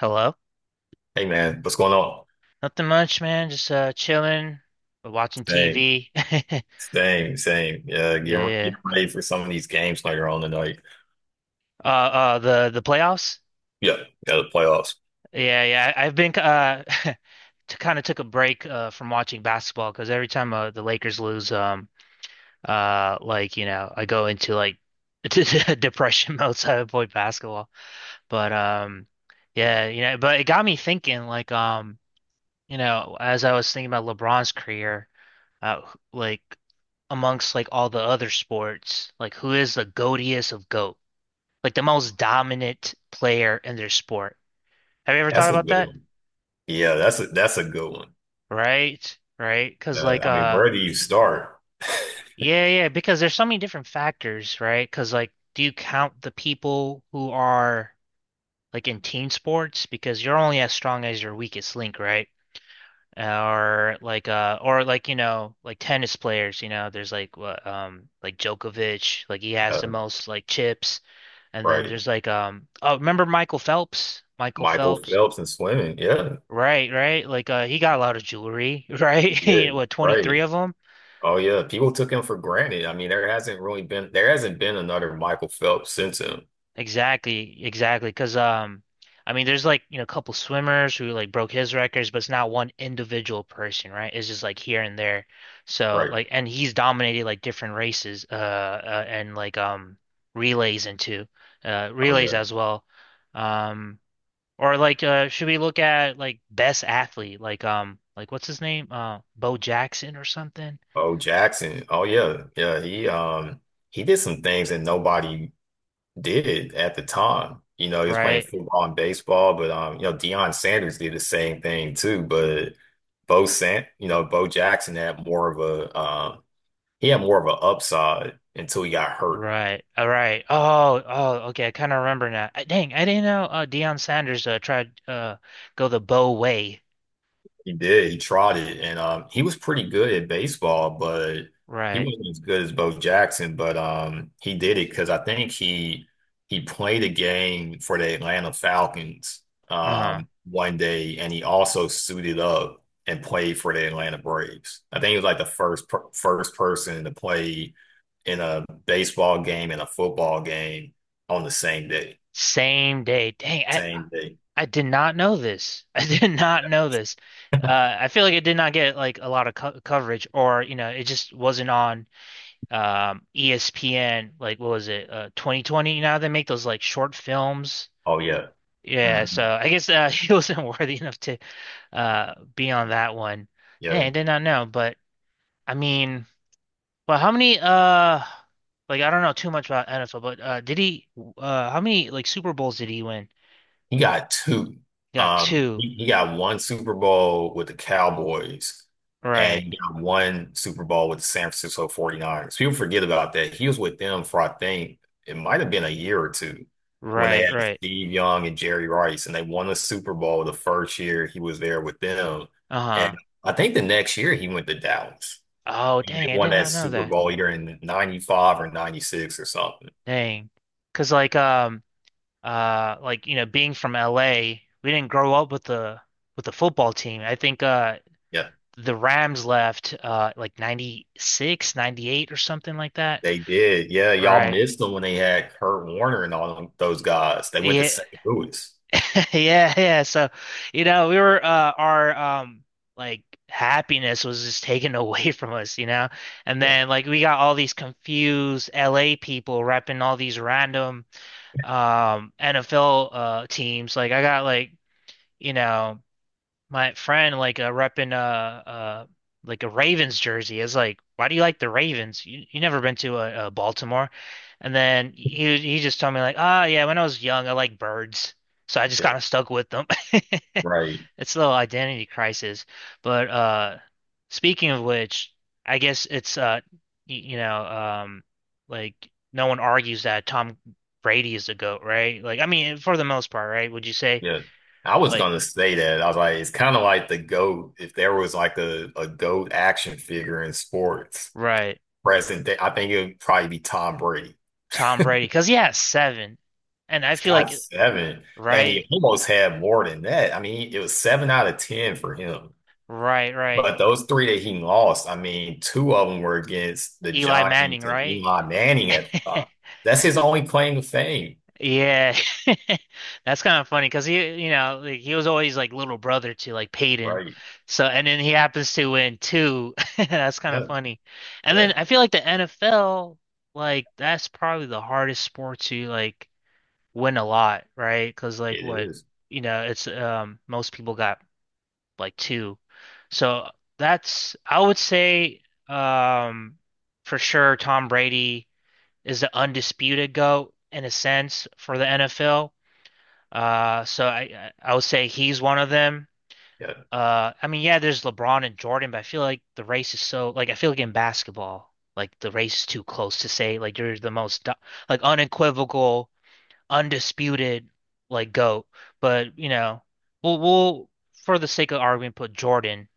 Hello? Hey man, what's going on? Nothing much, man. Just chilling, watching Same, TV. same, same. Yeah, get Yeah, get yeah. ready for some of these games later on tonight. The playoffs? Yeah, yeah, the playoffs. Yeah, yeah. I've been to kind of took a break from watching basketball because every time the Lakers lose like, you know, I go into like depression mode, so I avoid basketball. But yeah, you know, but it got me thinking like you know, as I was thinking about LeBron's career, uh, like amongst like all the other sports, like who is the goatiest of goat? Like the most dominant player in their sport. Have you ever thought That's a about good that? one. Yeah, that's a good one. Right? Right, because like I mean, where do you start? yeah, yeah, because there's so many different factors, right? Because like do you count the people who are like in team sports, because you're only as strong as your weakest link, right? Or like you know, like tennis players, you know, there's like, what, like Djokovic, like he has the Uh, most like chips. And then right, there's like oh, remember Michael Phelps, Michael Phelps in swimming. Yeah, right, right, he got a lot of jewelry, he right, you know, did. what, 23 Right. of them? Oh yeah, people took him for granted. I mean, there hasn't been another Michael Phelps since him. Exactly, exactly. Because, I mean, there's like, you know, a couple swimmers who like broke his records, but it's not one individual person, right? It's just like here and there. So Right. like, and he's dominated like different races, and like relays and too, Oh relays yeah. as well. Um, or should we look at like best athlete, like, like, what's his name, Bo Jackson or something, Oh Jackson. Oh yeah. Yeah. He did some things that nobody did it at the time. You know, he was playing right? football and baseball, but Deion Sanders did the same thing too. But Bo Sant, you know, Bo Jackson had more of a he had more of an upside until he got hurt. Right. All right. Oh, oh, okay. I kind of remember now. Dang, I didn't know Deion Sanders tried go the Bow way. He did. He tried it, and he was pretty good at baseball, but he Right. wasn't as good as Bo Jackson. But he did it because I think he played a game for the Atlanta Falcons Uh-huh. One day, and he also suited up and played for the Atlanta Braves. I think he was like the first person to play in a baseball game and a football game on the same day. Same day. Dang, I Same day. I did not know this. I did not know this. I feel like it did not get like a lot of co coverage or, you know, it just wasn't on ESPN. Like what was it? 2020. You know how they make those like short films. Oh yeah. Yeah, so Mhm. I guess, he wasn't worthy enough to be on that one. Dang, Yeah. I did not know, but I mean, well, how many, like, I don't know too much about NFL, but did he, how many like Super Bowls did he win? He got two. He got Um, two. he, he got one Super Bowl with the Cowboys, and Right, he got one Super Bowl with the San Francisco 49ers. People forget about that. He was with them for, I think, it might have been a year or two when they right, had right. Steve Young and Jerry Rice, and they won the Super Bowl the first year he was there with them. And Uh-huh. I think the next year he went to Dallas, Oh, and dang, they I won did that not know Super that. Bowl either in 95 or 96 or something. Dang, because like like, you know, being from LA, we didn't grow up with the football team. I think Yeah, the Rams left like '96, '98, or something like that. they did. Yeah, y'all Right. missed them when they had Kurt Warner and all them, those guys. They went to Yeah. St. Louis. Yeah, yeah. So, you know, we were, our, like, happiness was just taken away from us, you know? And Yeah, then like we got all these confused LA people repping all these random, NFL teams. Like I got, like, you know, my friend, like, repping, uh, like, a Ravens jersey, is like, why do you like the Ravens? You never been to, Baltimore? And then he just told me like, ah, yeah, when I was young, I liked birds, so I just yeah, kind of stuck with them. right. It's a little identity crisis, but, speaking of which, I guess it's, y you know, like, no one argues that Tom Brady is the GOAT, right? Like, I mean, for the most part, right? Would you say? Yeah. I was Like, gonna say that. I was like, it's kind of like the GOAT. If there was like a GOAT action figure in sports right. present day, I think it would probably be Tom Brady. Tom Brady, because he has seven, and I He's feel like got seven, and he right, almost had more than that. I mean, it was seven out of 10 for him. right, But right. those three that he lost, I mean, two of them were against the Eli Manning, Giants and right? Eli Manning at the time. That's his only claim to fame, Yeah, that's kind of funny, because he, you know, like, he was always like little brother to like Peyton, right? so and then he happens to win two. That's kind of Yeah, funny, and yeah, then I feel like the NFL, like, that's probably the hardest sport to, like, win a lot, right? Because, like, it what, is. you know, it's, most people got like two. So that's, I would say, um for sure Tom Brady is the undisputed GOAT in a sense for the NFL. So I would say he's one of them. Yeah, I mean, yeah, there's LeBron and Jordan, but I feel like the race is so, like, I feel like in basketball, like, the race is too close to say, like, you're the most like unequivocal, undisputed, like, GOAT, but, you know, we'll for the sake of argument put Jordan.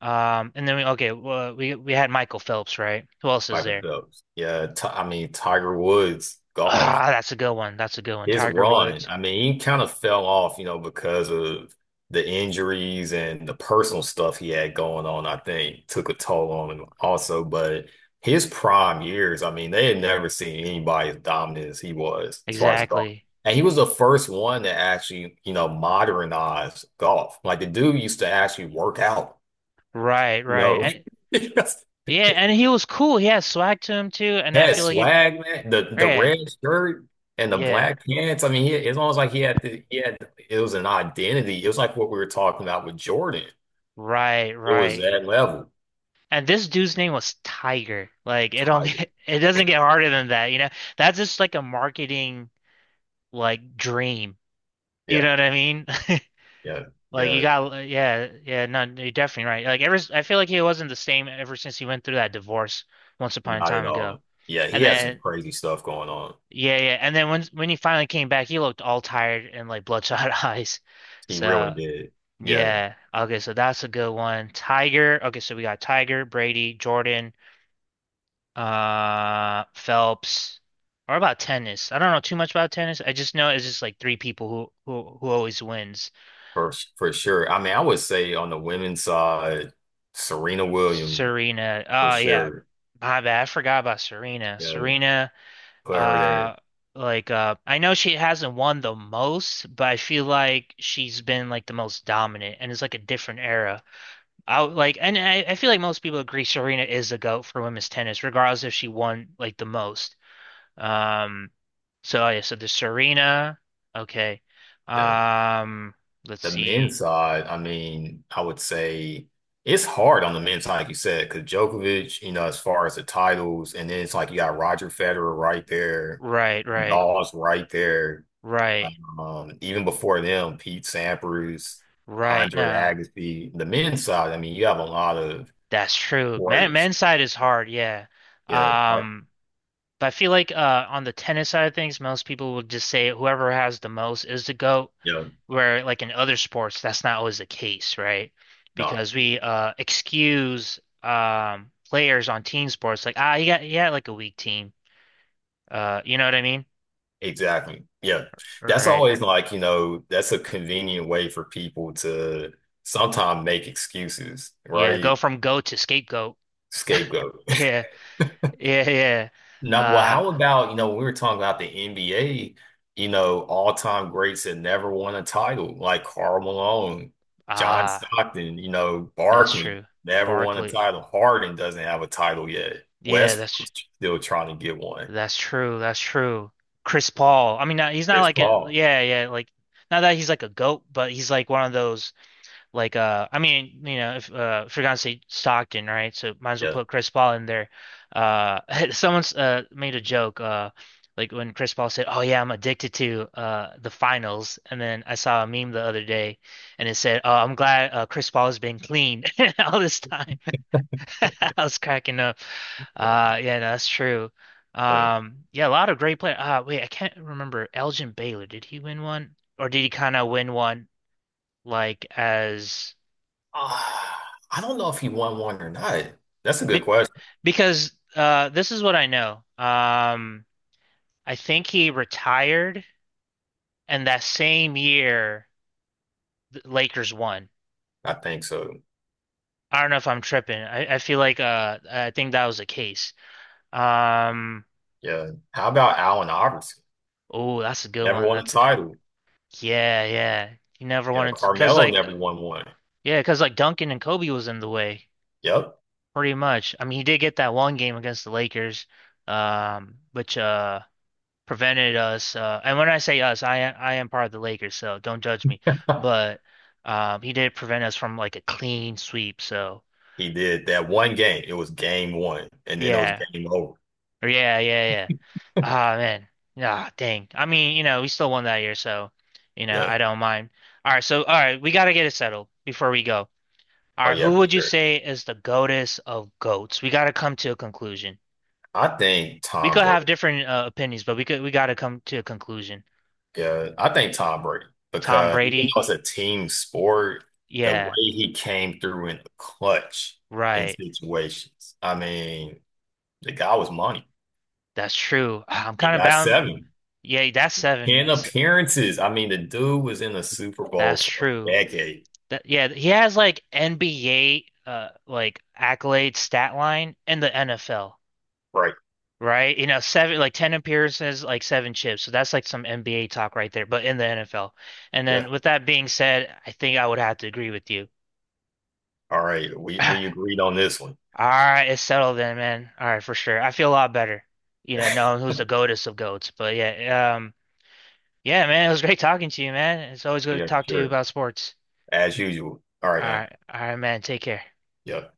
And then we, okay, well, we had Michael Phelps, right? Who else is Michael there? Phelps. Yeah, I mean, Tiger Woods golf. Ah, that's a good one. That's a good one. His Tiger run, Woods. I mean, he kind of fell off, you know, because of the injuries and the personal stuff he had going on, I think took a toll on him also. But his prime years, I mean, they had never seen anybody as dominant as he was as far as golf. Exactly. And he was the first one to actually, you know, modernize golf. Like the dude used to actually work out, Right, you right. know. And yeah, and he was cool. He had swag to him too, and I Had feel like he, swag, man. The yeah, red shirt and the yeah. black pants. I mean, it's almost like he had to. He had it was an identity. It was like what we were talking about with Jordan. Right, It was right. that level. And this dude's name was Tiger. Like it don't Tiger. get, it doesn't get harder than that, you know? That's just like a marketing like dream. You Yeah, know what I mean? yeah, Like yeah. you got, yeah, yeah, no, you're definitely right. Like ever, I feel like he wasn't the same ever since he went through that divorce once upon a Not at time ago. all. Yeah, he And had some then, crazy stuff going on. yeah, yeah, and then when he finally came back, he looked all tired and like bloodshot eyes. He really So did. Yeah, yeah, okay, so that's a good one. Tiger, okay, so we got Tiger, Brady, Jordan, Phelps. Or about tennis. I don't know too much about tennis. I just know it's just like three people who always wins. for sure. I mean, I would say on the women's side, Serena Williams Serena. for Oh yeah. sure. My bad. I forgot about Serena. Yeah, Serena, put her there. uh I know she hasn't won the most, but I feel like she's been like the most dominant, and it's like a different era. Like, and I feel like most people agree Serena is the GOAT for women's tennis, regardless if she won like the most. Um so, oh, yeah, so the Serena, okay. Yeah. Um let's The men's see. side, I mean, I would say it's hard on the men's side, like you said, because Djokovic, you know, as far as the titles, and then it's like you got Roger Federer right there, Right, right, Nadal's right there. right, Even before them, Pete Sampras, right, Andre nah. Agassi. The men's side, I mean, you have a lot of That's true. Man, greats. men's side is hard, yeah. Yeah, Um, but I feel like on the tennis side of things, most people would just say whoever has the most is the GOAT, yeah, where like in other sports, that's not always the case, right? no, Because we, excuse, players on team sports, like, ah, he had like a weak team. You know what I mean? exactly. Yeah, that's Right. always like, you know, that's a convenient way for people to sometimes make excuses, Yeah, right? go from GOAT to scapegoat. Scapegoat. Yeah, yeah, yeah. Now, well, how Uh about, you know, we were talking about the NBA, you know, all-time greats that never won a title, like Karl Malone, John ah, Stockton, you know, that's Barkley true. never won a Barkley. title. Harden doesn't have a title yet. Yeah, Westbrook's still trying to get one. That's true. Chris Paul. I mean, not, he's not Chris like a, Paul, yeah, yeah, like, not that he's like a goat, but he's like one of those, I mean, you know, if you're gonna say Stockton, right? So might as well yeah. put Chris Paul in there. Uh Someone's made a joke, like, when Chris Paul said, "Oh yeah, I'm addicted to the finals." And then I saw a meme the other day, and it said, "Oh, I'm glad, Chris Paul has been clean all this time." I was cracking up. Yeah, no, that's true. But, Yeah, a lot of great players. Wait, I can't remember. Elgin Baylor, did he win one? Or did he kind of win one, like, ah, I don't know if he won one or not. That's a good be- question. because this is what I know. I think he retired, and that same year the Lakers won. I think so. I don't know if I'm tripping. I feel like, I think that was the case. Um, Yeah. How about Allen Iverson? oh, that's a good Never one. won a That's a title. yeah, yeah. He never Yeah, wanted to because Carmelo like, never won one. yeah, because like Duncan and Kobe was in the way Yep. pretty much. I mean, he did get that one game against the Lakers, which prevented us. And when I say us, I am part of the Lakers, so don't judge me. But, he did prevent us from, like, a clean sweep. So He did that one game. It was game one, and then it was yeah, game over. yeah, yeah, yeah. Ah man, ah dang. I mean, you know, we still won that year, so you know, Yeah. I don't mind. All right, so all right, we got to get it settled before we go. All Oh right, yeah, who for would you sure. say is the goatess of goats? We got to come to a conclusion. I think We Tom could Brady. have different, opinions, but we got to come to a conclusion. Yeah, I think Tom Brady Tom because even though Brady? it's a team sport, the way Yeah, he came through in the clutch in right. situations. I mean, the guy was money. That's true. I'm He kind of got bound. seven, Yeah, that's seven. 10 appearances. I mean, the dude was in the Super Bowl That's for a true. decade. That, yeah, he has like NBA, like, accolade stat line in the NFL. Right. Right? You know, seven, like, 10 appearances, like seven chips. So that's like some NBA talk right there, but in the NFL. And Yeah. then with that being said, I think I would have to agree with you. All right. We All we agreed on this one. right, it's settled then, man. All right, for sure. I feel a lot better, you know, knowing who's the goatess of goats. But yeah, yeah, man, it was great talking to you, man. It's always good to Yeah, for talk to you sure. about sports. As usual. All right, man. All right, man. Take care. Yeah.